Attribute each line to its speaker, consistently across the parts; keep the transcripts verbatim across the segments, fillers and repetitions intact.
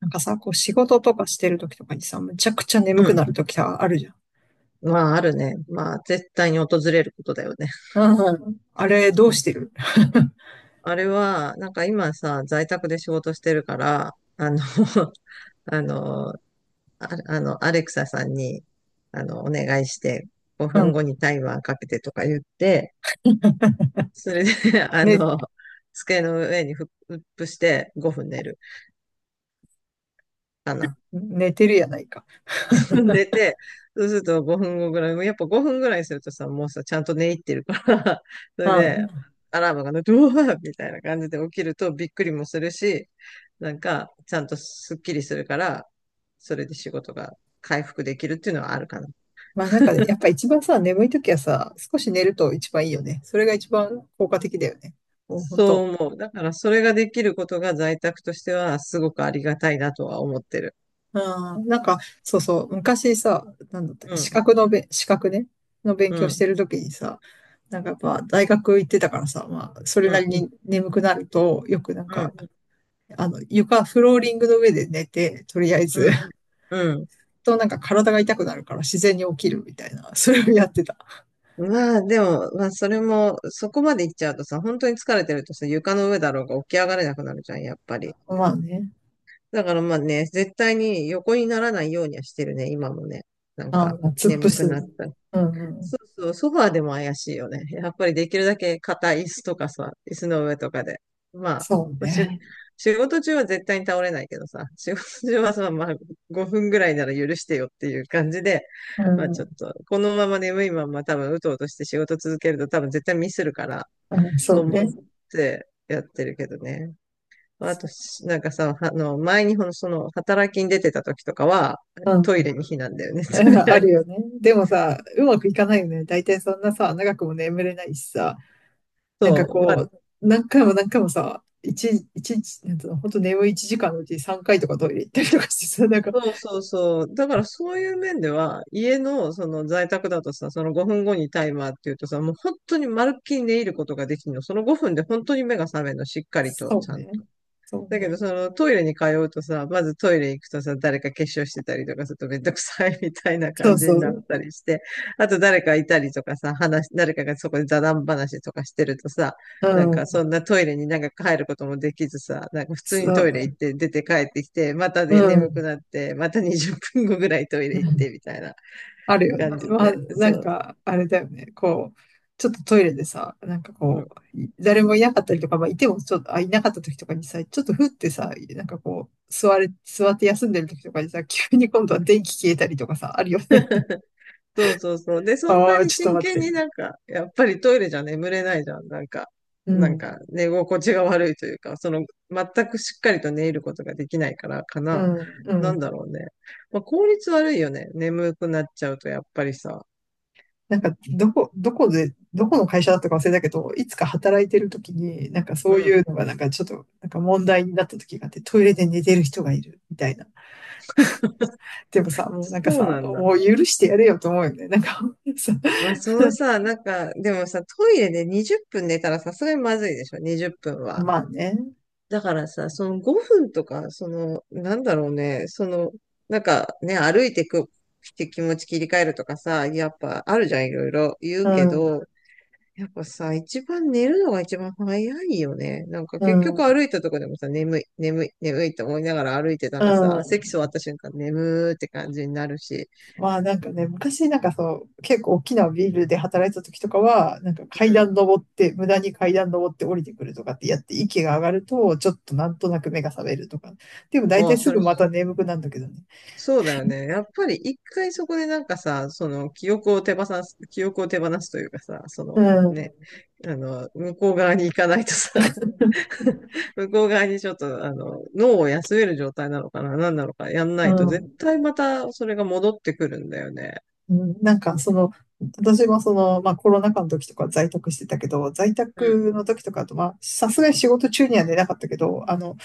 Speaker 1: なんかさ、こう仕事とかしてる時とかにさ、むちゃくちゃ眠
Speaker 2: う
Speaker 1: く
Speaker 2: ん。
Speaker 1: なる時があるじゃん。
Speaker 2: まあ、あるね。まあ、絶対に訪れることだよね。
Speaker 1: うん。あれ、ど
Speaker 2: う
Speaker 1: うし
Speaker 2: ん。
Speaker 1: てる。
Speaker 2: あれは、なんか今さ、在宅で仕事してるから、あの、あの、あ、あの、アレクサさんに、あの、お願いして、
Speaker 1: う
Speaker 2: 5
Speaker 1: ん。
Speaker 2: 分後にタイマーかけてとか言って、それで、あ
Speaker 1: ね、
Speaker 2: の、机の上にフップしてごふん寝るかな。
Speaker 1: 寝てるやないか。
Speaker 2: 寝て、そうするとごふんごぐらい、もうやっぱごふんぐらいするとさ、もうさ、ちゃんと寝入ってるから、そ
Speaker 1: う
Speaker 2: れで、
Speaker 1: ん。
Speaker 2: アラームが鳴ってうわーみたいな感じで起きるとびっくりもするし、なんか、ちゃんとすっきりするから、それで仕事が回復できるっていうのはあるかな。
Speaker 1: まあなんかね、やっぱ一番さ、眠い時はさ、少し寝ると一番いいよね。それが一番効果的だよね。もう本当。
Speaker 2: そう思う。だから、それができることが在宅としては、すごくありがたいなとは思ってる。
Speaker 1: うん。なんか、そうそう、昔さ、なんだった
Speaker 2: う
Speaker 1: か、資
Speaker 2: ん、
Speaker 1: 格のべ、資格ね、の勉
Speaker 2: う
Speaker 1: 強し
Speaker 2: ん、
Speaker 1: てる時にさ、なんかやっぱ大学行ってたからさ、まあ、それ
Speaker 2: う
Speaker 1: なり
Speaker 2: ん、
Speaker 1: に眠くなると、よくなん
Speaker 2: う
Speaker 1: か、
Speaker 2: ん、
Speaker 1: あの、床、フローリングの上で寝て、とりあえず、
Speaker 2: うん、うん。
Speaker 1: となんか体が痛くなるから自然に起きるみたいな、それをやってた。
Speaker 2: まあ、でも、まあ、それも、そこまで行っちゃうとさ、本当に疲れてるとさ、床の上だろうが起き上がれなくなるじゃん、やっぱり。
Speaker 1: まあね。
Speaker 2: だからまあね、絶対に横にならないようにはしてるね、今もね。なん
Speaker 1: ああ、
Speaker 2: か、
Speaker 1: 突っ伏
Speaker 2: 眠く
Speaker 1: す。
Speaker 2: なった。
Speaker 1: うんうん。
Speaker 2: そうそう、ソファーでも怪しいよね。やっぱりできるだけ硬い椅子とかさ、椅子の上とかで。まあ、
Speaker 1: そう
Speaker 2: まあしゅ、
Speaker 1: ね。
Speaker 2: 仕事中は絶対に倒れないけどさ、仕事中はさ、まあごふんぐらいなら許してよっていう感じで、
Speaker 1: う
Speaker 2: まあちょっ
Speaker 1: ん。
Speaker 2: と、このまま眠いまま多分うとうとして仕事続けると多分絶対ミスるから、
Speaker 1: うん、
Speaker 2: と
Speaker 1: そう
Speaker 2: 思っ
Speaker 1: ね。
Speaker 2: てやってるけどね。まあと、しなんかさ、あの、前にほんその、働きに出てた時とかは、
Speaker 1: う
Speaker 2: トイ
Speaker 1: ん。
Speaker 2: レに避難だよね、とり あ
Speaker 1: あ
Speaker 2: え
Speaker 1: るよ
Speaker 2: ず。
Speaker 1: ね。でもさ、うまくいかないよね。大体そんなさ、長くも眠れないしさ、なん
Speaker 2: そ
Speaker 1: か
Speaker 2: う。ま
Speaker 1: こ
Speaker 2: あ
Speaker 1: う、何回も何回もさ、一、一日、なんつうの、ほんと眠いいちじかんのうちさんかいとかトイレ行ったりとかしてさ、なんか、
Speaker 2: そうそうそう。だからそういう面では、家のその在宅だとさ、そのごふんごにタイマーっていうとさ、もう本当にまるっきり寝入ることができるの。そのごふんで本当に目が覚めるの、しっかりと、
Speaker 1: そ
Speaker 2: ち
Speaker 1: う
Speaker 2: ゃん
Speaker 1: ね。
Speaker 2: と。
Speaker 1: そう
Speaker 2: だけ
Speaker 1: ね。
Speaker 2: ど、そのトイレに通うとさ、まずトイレ行くとさ、誰か化粧してたりとかするとめんどくさいみたいな
Speaker 1: そ
Speaker 2: 感
Speaker 1: う
Speaker 2: じ
Speaker 1: そ
Speaker 2: になっ
Speaker 1: う。
Speaker 2: たりして、あと誰かいたりとかさ、話、誰かがそこで座談話とかしてるとさ、
Speaker 1: う
Speaker 2: なんか
Speaker 1: ん、
Speaker 2: そんなトイレになんか入ることもできずさ、なんか普
Speaker 1: そ
Speaker 2: 通にトイレ行
Speaker 1: う、
Speaker 2: って出て帰ってきて、また
Speaker 1: う
Speaker 2: で眠く
Speaker 1: ん、
Speaker 2: なって、またにじゅっぷんごぐらいトイ
Speaker 1: う
Speaker 2: レ行っ
Speaker 1: ん、
Speaker 2: てみたいな
Speaker 1: あるよ
Speaker 2: 感
Speaker 1: ね。
Speaker 2: じ
Speaker 1: まあ、
Speaker 2: で、
Speaker 1: な
Speaker 2: そ
Speaker 1: ん
Speaker 2: う。
Speaker 1: か、あれだよね。こう、ちょっとトイレでさ、なんか
Speaker 2: う
Speaker 1: こ
Speaker 2: ん。
Speaker 1: う、い誰もいなかったりとか、まあ、いてもちょっと、あ、いなかった時とかにさ、ちょっとふってさ、なんかこう、座れ、座って休んでる時とかにさ、急に今度は電気消えたりとかさ、あるよね。
Speaker 2: そうそうそう。で、そん
Speaker 1: あ
Speaker 2: な
Speaker 1: あ、
Speaker 2: に
Speaker 1: ちょっと
Speaker 2: 真
Speaker 1: 待っ
Speaker 2: 剣
Speaker 1: て、
Speaker 2: に
Speaker 1: みたい
Speaker 2: なんか、やっぱりトイレじゃ眠れないじゃん。なんか、
Speaker 1: な。う
Speaker 2: なん
Speaker 1: ん、
Speaker 2: か寝心地が悪いというか、その、全くしっかりと寝ることができないからか
Speaker 1: う
Speaker 2: な。
Speaker 1: ん、う
Speaker 2: なん
Speaker 1: ん。
Speaker 2: だろうね。まあ、効率悪いよね。眠くなっちゃうとやっぱりさ。
Speaker 1: なんか、どこ、どこで、どこの会社だったか忘れたけど、いつか働いてる時に、なんか
Speaker 2: う
Speaker 1: そうい
Speaker 2: ん。
Speaker 1: うのがなんかちょっと、なんか問題になった時があって、トイレで寝てる人がいる、みたいな。でもさ、もうなんか
Speaker 2: そう
Speaker 1: さ、
Speaker 2: なんだ。
Speaker 1: もう許してやれよと思うよね。なんか さ、
Speaker 2: まあ、そのさ、なんか、でもさ、トイレでにじゅっぷん寝たらさすがにまずいでしょ。にじゅっぷんは。
Speaker 1: まあね。
Speaker 2: だからさ、そのごふんとか、その、なんだろうね、その、なんかね、歩いてく、って気持ち切り替えるとかさ、やっぱあるじゃん、いろいろ言う
Speaker 1: う
Speaker 2: け
Speaker 1: ん、
Speaker 2: ど、やっぱさ、一番寝るのが一番早いよね。なんか
Speaker 1: う
Speaker 2: 結局
Speaker 1: ん、
Speaker 2: 歩いたとこでもさ、眠い、眠い、眠いって思いながら歩いてた
Speaker 1: う
Speaker 2: らさ、席
Speaker 1: ん。
Speaker 2: 座った瞬間眠ーって感じになるし、
Speaker 1: まあなんかね、昔なんかそう、結構大きなビルで働いてた時とかは、なんか階
Speaker 2: う
Speaker 1: 段登って、無駄に階段登って降りてくるとかってやって息が上がると、ちょっとなんとなく目が覚めるとか。でも大体
Speaker 2: あ
Speaker 1: す
Speaker 2: あ、そ
Speaker 1: ぐ
Speaker 2: れ
Speaker 1: また眠くなるんだけどね。
Speaker 2: そうだよね。やっぱり一回そこでなんかさ、その記憶を手放す、記憶を手放すというかさ、そ
Speaker 1: う
Speaker 2: の
Speaker 1: ん、
Speaker 2: ね、あの、向こう側に行かないとさ、向こう側にちょっと、あの、脳を休める状態なのかな、何なのかやんな
Speaker 1: う
Speaker 2: いと、絶
Speaker 1: ん、
Speaker 2: 対またそれが戻ってくるんだよね。
Speaker 1: うん。なんかその、私もその、まあコロナ禍の時とか在宅してたけど、在
Speaker 2: うん。
Speaker 1: 宅の時とかあと、まあさすがに仕事中には寝なかったけど、あの、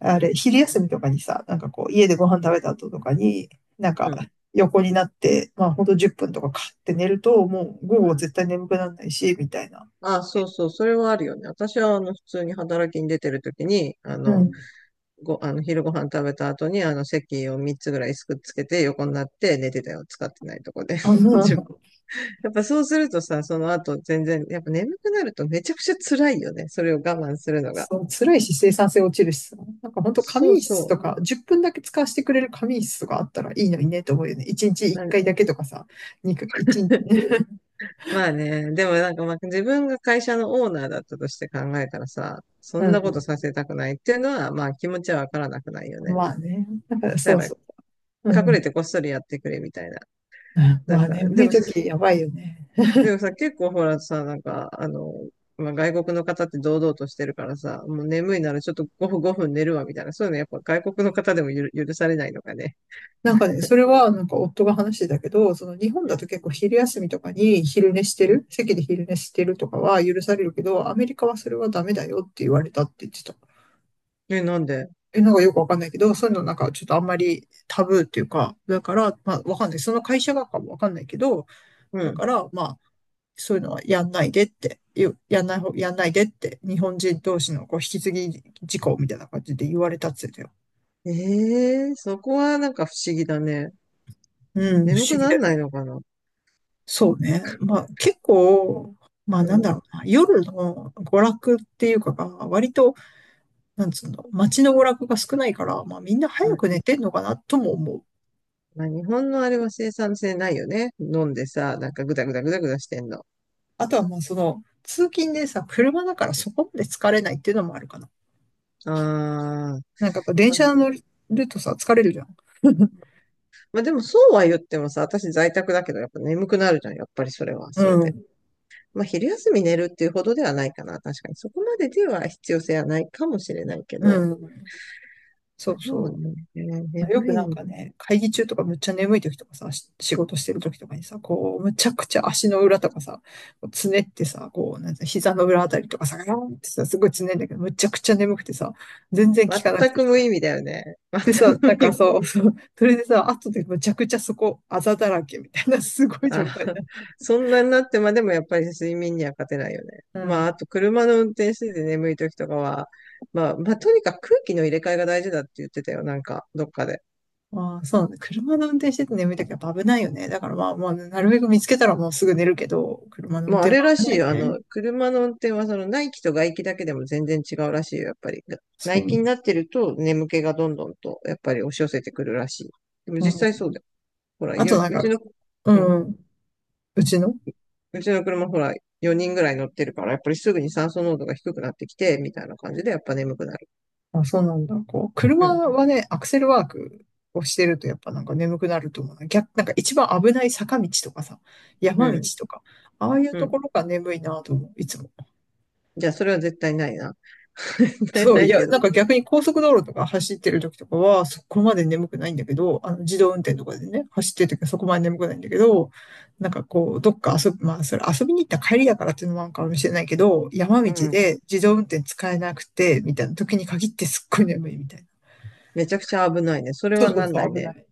Speaker 1: あれ、昼休みとかにさ、なんかこう、家でご飯食べた後とかに、なん
Speaker 2: う
Speaker 1: か、
Speaker 2: ん。
Speaker 1: 横になって、まあ、ほんとじゅっぷんとかかって寝ると、もう午後
Speaker 2: うん。
Speaker 1: 絶対眠くならないし、みたいな。
Speaker 2: あ、そうそう、それはあるよね。私は、あの、普通に働きに出てるときに、あ
Speaker 1: う
Speaker 2: の、
Speaker 1: ん。
Speaker 2: ご、あの、昼ご飯食べた後に、あの、席をみっつぐらいすくっつけて、横になって寝てたよ。使ってないとこで。
Speaker 1: あ の、
Speaker 2: 自分やっぱそうするとさ、その後全然、やっぱ眠くなるとめちゃくちゃ辛いよね。それを我慢するのが。
Speaker 1: そう、辛いし、生産性落ちるしさ。なんかほんと仮
Speaker 2: そう
Speaker 1: 眠室
Speaker 2: そ
Speaker 1: とか、じゅっぷんだけ使わせてくれる仮眠室とかあったらいいのにね、と思うよね。いちにち
Speaker 2: う。
Speaker 1: 1
Speaker 2: なん
Speaker 1: 回だけとかさ、にかい回、いちにち、
Speaker 2: まあね、でもなんかまあ自分が会社のオーナーだったとして考えたらさ、そ
Speaker 1: う
Speaker 2: んなこと
Speaker 1: ん。
Speaker 2: させたくないっていうのは、まあ気持ちはわからなくないよね。
Speaker 1: まあね。だからそ
Speaker 2: だ
Speaker 1: う
Speaker 2: か
Speaker 1: そう。う
Speaker 2: ら隠れ
Speaker 1: ん。
Speaker 2: てこっそりやってくれみたいな。な
Speaker 1: ま
Speaker 2: ん
Speaker 1: あ、
Speaker 2: か、で
Speaker 1: 眠い
Speaker 2: も
Speaker 1: 時やばいよね。
Speaker 2: でもさ、結構ほらさ、なんか、あの、まあ、外国の方って堂々としてるからさ、もう眠いならちょっとごふん、ごふん寝るわみたいな、そういうのやっぱ外国の方でもゆる許されないのかね。
Speaker 1: なんかね、それはなんか夫が話してたけど、その日本だと結構昼休みとかに昼寝して
Speaker 2: うん。
Speaker 1: る、席で昼寝してるとかは許されるけど、アメリカはそれはダメだよって言われたって言ってた。
Speaker 2: え、なんで？
Speaker 1: え、なんかよくわかんないけど、そういうのなんかちょっとあんまりタブーっていうか、だから、まあわかんない。その会社がかもわかんないけど、
Speaker 2: う
Speaker 1: だ
Speaker 2: ん。
Speaker 1: からまあ、そういうのはやんないでって、やんない方、やんないでって、日本人同士のこう引き継ぎ事項みたいな感じで言われたって言ってたよ。
Speaker 2: ええそこはなんか不思議だね。
Speaker 1: うん、不
Speaker 2: 眠
Speaker 1: 思
Speaker 2: く
Speaker 1: 議
Speaker 2: な
Speaker 1: だ
Speaker 2: ん
Speaker 1: よ
Speaker 2: な
Speaker 1: ね。
Speaker 2: いのかな？
Speaker 1: そうね。まあ結構、まあ
Speaker 2: う
Speaker 1: なん
Speaker 2: ん、
Speaker 1: だろうな。夜の娯楽っていうかが、割と、なんつうの、街の娯楽が少ないから、まあみんな早
Speaker 2: うん。
Speaker 1: く寝てんのかなとも思う。
Speaker 2: まあ、日本のあれは生産性ないよね。飲んでさ、なんかグダグダグダグダしてんの。
Speaker 1: あとはまあその、通勤でさ、車だからそこまで疲れないっていうのもあるかな。
Speaker 2: ああ。
Speaker 1: なんかやっぱ電車乗るとさ、疲れるじゃん。
Speaker 2: まあ、でもそうは言ってもさ、私在宅だけど、やっぱ眠くなるじゃん。やっぱりそれは、
Speaker 1: う
Speaker 2: それで。
Speaker 1: ん。
Speaker 2: まあ、昼休み寝るっていうほどではないかな。確かに。そこまででは必要性はないかもしれないけ
Speaker 1: う
Speaker 2: ど。
Speaker 1: ん。そう
Speaker 2: そう
Speaker 1: そ
Speaker 2: ね。
Speaker 1: う。よ
Speaker 2: 眠
Speaker 1: く
Speaker 2: い
Speaker 1: なん
Speaker 2: の。
Speaker 1: かね、会議中とかむっちゃ眠い時とかさ、し仕事してる時とかにさ、こう、むちゃくちゃ足の裏とかさ、こうつねってさ、こう、なんてうの膝の裏あたりとかさ、ガーンってさ、すごいつねんだけど、むちゃくちゃ眠くてさ、全然効かなく
Speaker 2: 全
Speaker 1: て
Speaker 2: く無
Speaker 1: さ。
Speaker 2: 意味だよね。
Speaker 1: でさ、
Speaker 2: 全く
Speaker 1: なん
Speaker 2: 無意
Speaker 1: か
Speaker 2: 味。
Speaker 1: そう、そうそれでさ、後でむちゃくちゃそこ、あざだらけみたいな、すご
Speaker 2: あ、
Speaker 1: い状態だ。
Speaker 2: そんなになってまでもやっぱり睡眠には勝てないよね。
Speaker 1: う
Speaker 2: まあ、あ
Speaker 1: ん。
Speaker 2: と車の運転してて眠い時とかは、まあ、まあ、とにかく空気の入れ替えが大事だって言ってたよ。なんか、どっかで。
Speaker 1: まあ、そうなんだ。車の運転してて眠い時はやっぱ危ないよね。だからまあ、まあ、なるべく見つけたらもうすぐ寝るけど、車の運
Speaker 2: まあ、あ
Speaker 1: 転も
Speaker 2: れら
Speaker 1: 危
Speaker 2: しいよ。
Speaker 1: な
Speaker 2: あ
Speaker 1: いね。
Speaker 2: の、車の運転はその内気と外気だけでも全然違うらしいよ。やっぱり。が
Speaker 1: そ
Speaker 2: 内気
Speaker 1: う。
Speaker 2: になってると眠気がどんどんと、やっぱり押し寄せてくるらしい。でも
Speaker 1: う
Speaker 2: 実
Speaker 1: ん。
Speaker 2: 際そうだよ。ほら、
Speaker 1: あと
Speaker 2: よ、
Speaker 1: なん
Speaker 2: う
Speaker 1: か、
Speaker 2: ちの、
Speaker 1: う
Speaker 2: うん。
Speaker 1: ん。うちの、
Speaker 2: うちの車ほら、よにんぐらい乗ってるから、やっぱりすぐに酸素濃度が低くなってきて、みたいな感じで、やっぱ眠くなる。
Speaker 1: あ、そうなんだ。こう、
Speaker 2: う
Speaker 1: 車
Speaker 2: ん。
Speaker 1: はね、アクセルワークをしてるとやっぱなんか眠くなると思うな。逆、なんか一番危ない坂道とかさ、
Speaker 2: う
Speaker 1: 山道
Speaker 2: ん。
Speaker 1: とか、ああいう
Speaker 2: う
Speaker 1: と
Speaker 2: ん。
Speaker 1: ころが眠いなと思う、いつも。
Speaker 2: じゃあ、それは絶対ないな。絶対
Speaker 1: そ
Speaker 2: な
Speaker 1: う、い
Speaker 2: い
Speaker 1: や、
Speaker 2: けど。
Speaker 1: なんか逆に高速道路とか走ってる時とかは、そこまで眠くないんだけど、あの、自動運転とかでね、走ってる時はそこまで眠くないんだけど、なんかこう、どっか遊び、まあ、それ遊びに行った帰りだからっていうのもあるかもしれないけど、山
Speaker 2: う
Speaker 1: 道
Speaker 2: ん。
Speaker 1: で自動運転使えなくて、みたいな時に限ってすっごい眠いみたいな。
Speaker 2: めちゃくちゃ危ないね。それ
Speaker 1: そう
Speaker 2: は
Speaker 1: そう
Speaker 2: なん
Speaker 1: そ
Speaker 2: な
Speaker 1: う、
Speaker 2: い
Speaker 1: 危な
Speaker 2: ね。
Speaker 1: い。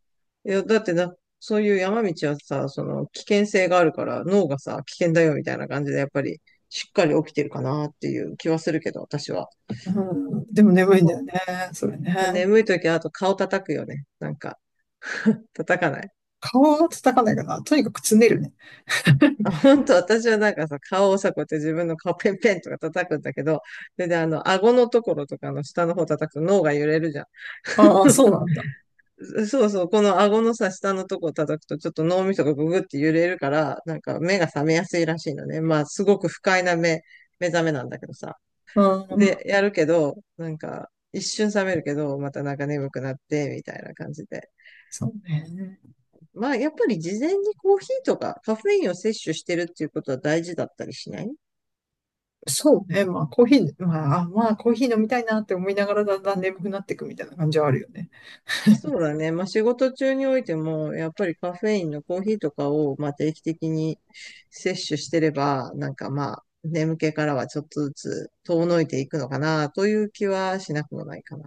Speaker 2: いや、だってな、そういう山道はさ、その危険性があるから脳がさ、危険だよみたいな感じでやっぱりしっかり起きてるかなっていう気はするけど、私は。
Speaker 1: うん、でも眠いん
Speaker 2: ま
Speaker 1: だよね、それ
Speaker 2: あ
Speaker 1: ね。
Speaker 2: 眠い時はあと顔叩くよね。なんか、叩かない。
Speaker 1: 顔は叩かないかな。とにかくつねるね。
Speaker 2: あ、本当私はなんかさ、顔をさ、こうやって自分の顔ペンペンとか叩くんだけど、それであの、顎のところとかの下の方叩くと脳が揺れるじゃん。
Speaker 1: ああ、そう なんだ。
Speaker 2: そうそう、この顎のさ、下のとこ叩くと、ちょっと脳みそがググって揺れるから、なんか目が覚めやすいらしいのね。まあ、すごく不快な目、目覚めなんだけどさ。
Speaker 1: うん、
Speaker 2: で、やるけど、なんか、一瞬覚めるけど、またなんか眠くなって、みたいな感じで。
Speaker 1: そうね。
Speaker 2: まあ、やっぱり事前にコーヒーとかカフェインを摂取してるっていうことは大事だったりしない？
Speaker 1: そうね。まあ、コーヒー、まあ、あまあ、コーヒー飲みたいなって思いながらだんだん眠くなっていくみたいな感じはあるよね。
Speaker 2: そうだね。まあ、仕事中においても、やっぱりカフェインのコーヒーとかを、まあ、定期的に摂取してれば、なんかまあ、眠気からはちょっとずつ遠のいていくのかな、という気はしなくもないかな。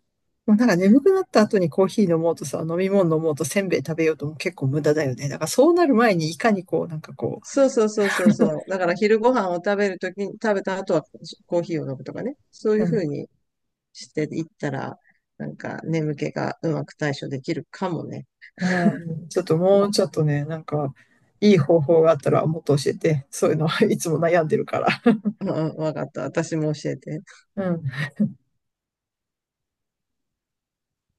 Speaker 1: まあ、なんか眠くなった後にコーヒー飲もうとさ、飲み物飲もうとせんべい食べようとも結構無駄だよね。だからそうなる前にいかにこう、なんかこ
Speaker 2: そうそうそうそうそう。だから昼ご飯を食べるときに、食べた後はコーヒーを飲むとかね。そうい
Speaker 1: う、
Speaker 2: う
Speaker 1: う
Speaker 2: ふう
Speaker 1: ん、
Speaker 2: にしていったら、なんか眠気がうまく対処できるかもね。
Speaker 1: うん、ちょっともうちょっとね、なんか、いい方法があったらもっと教えて、そういうのはいつも悩んでるから。
Speaker 2: うんうん、わかった。私も教えて。
Speaker 1: うん。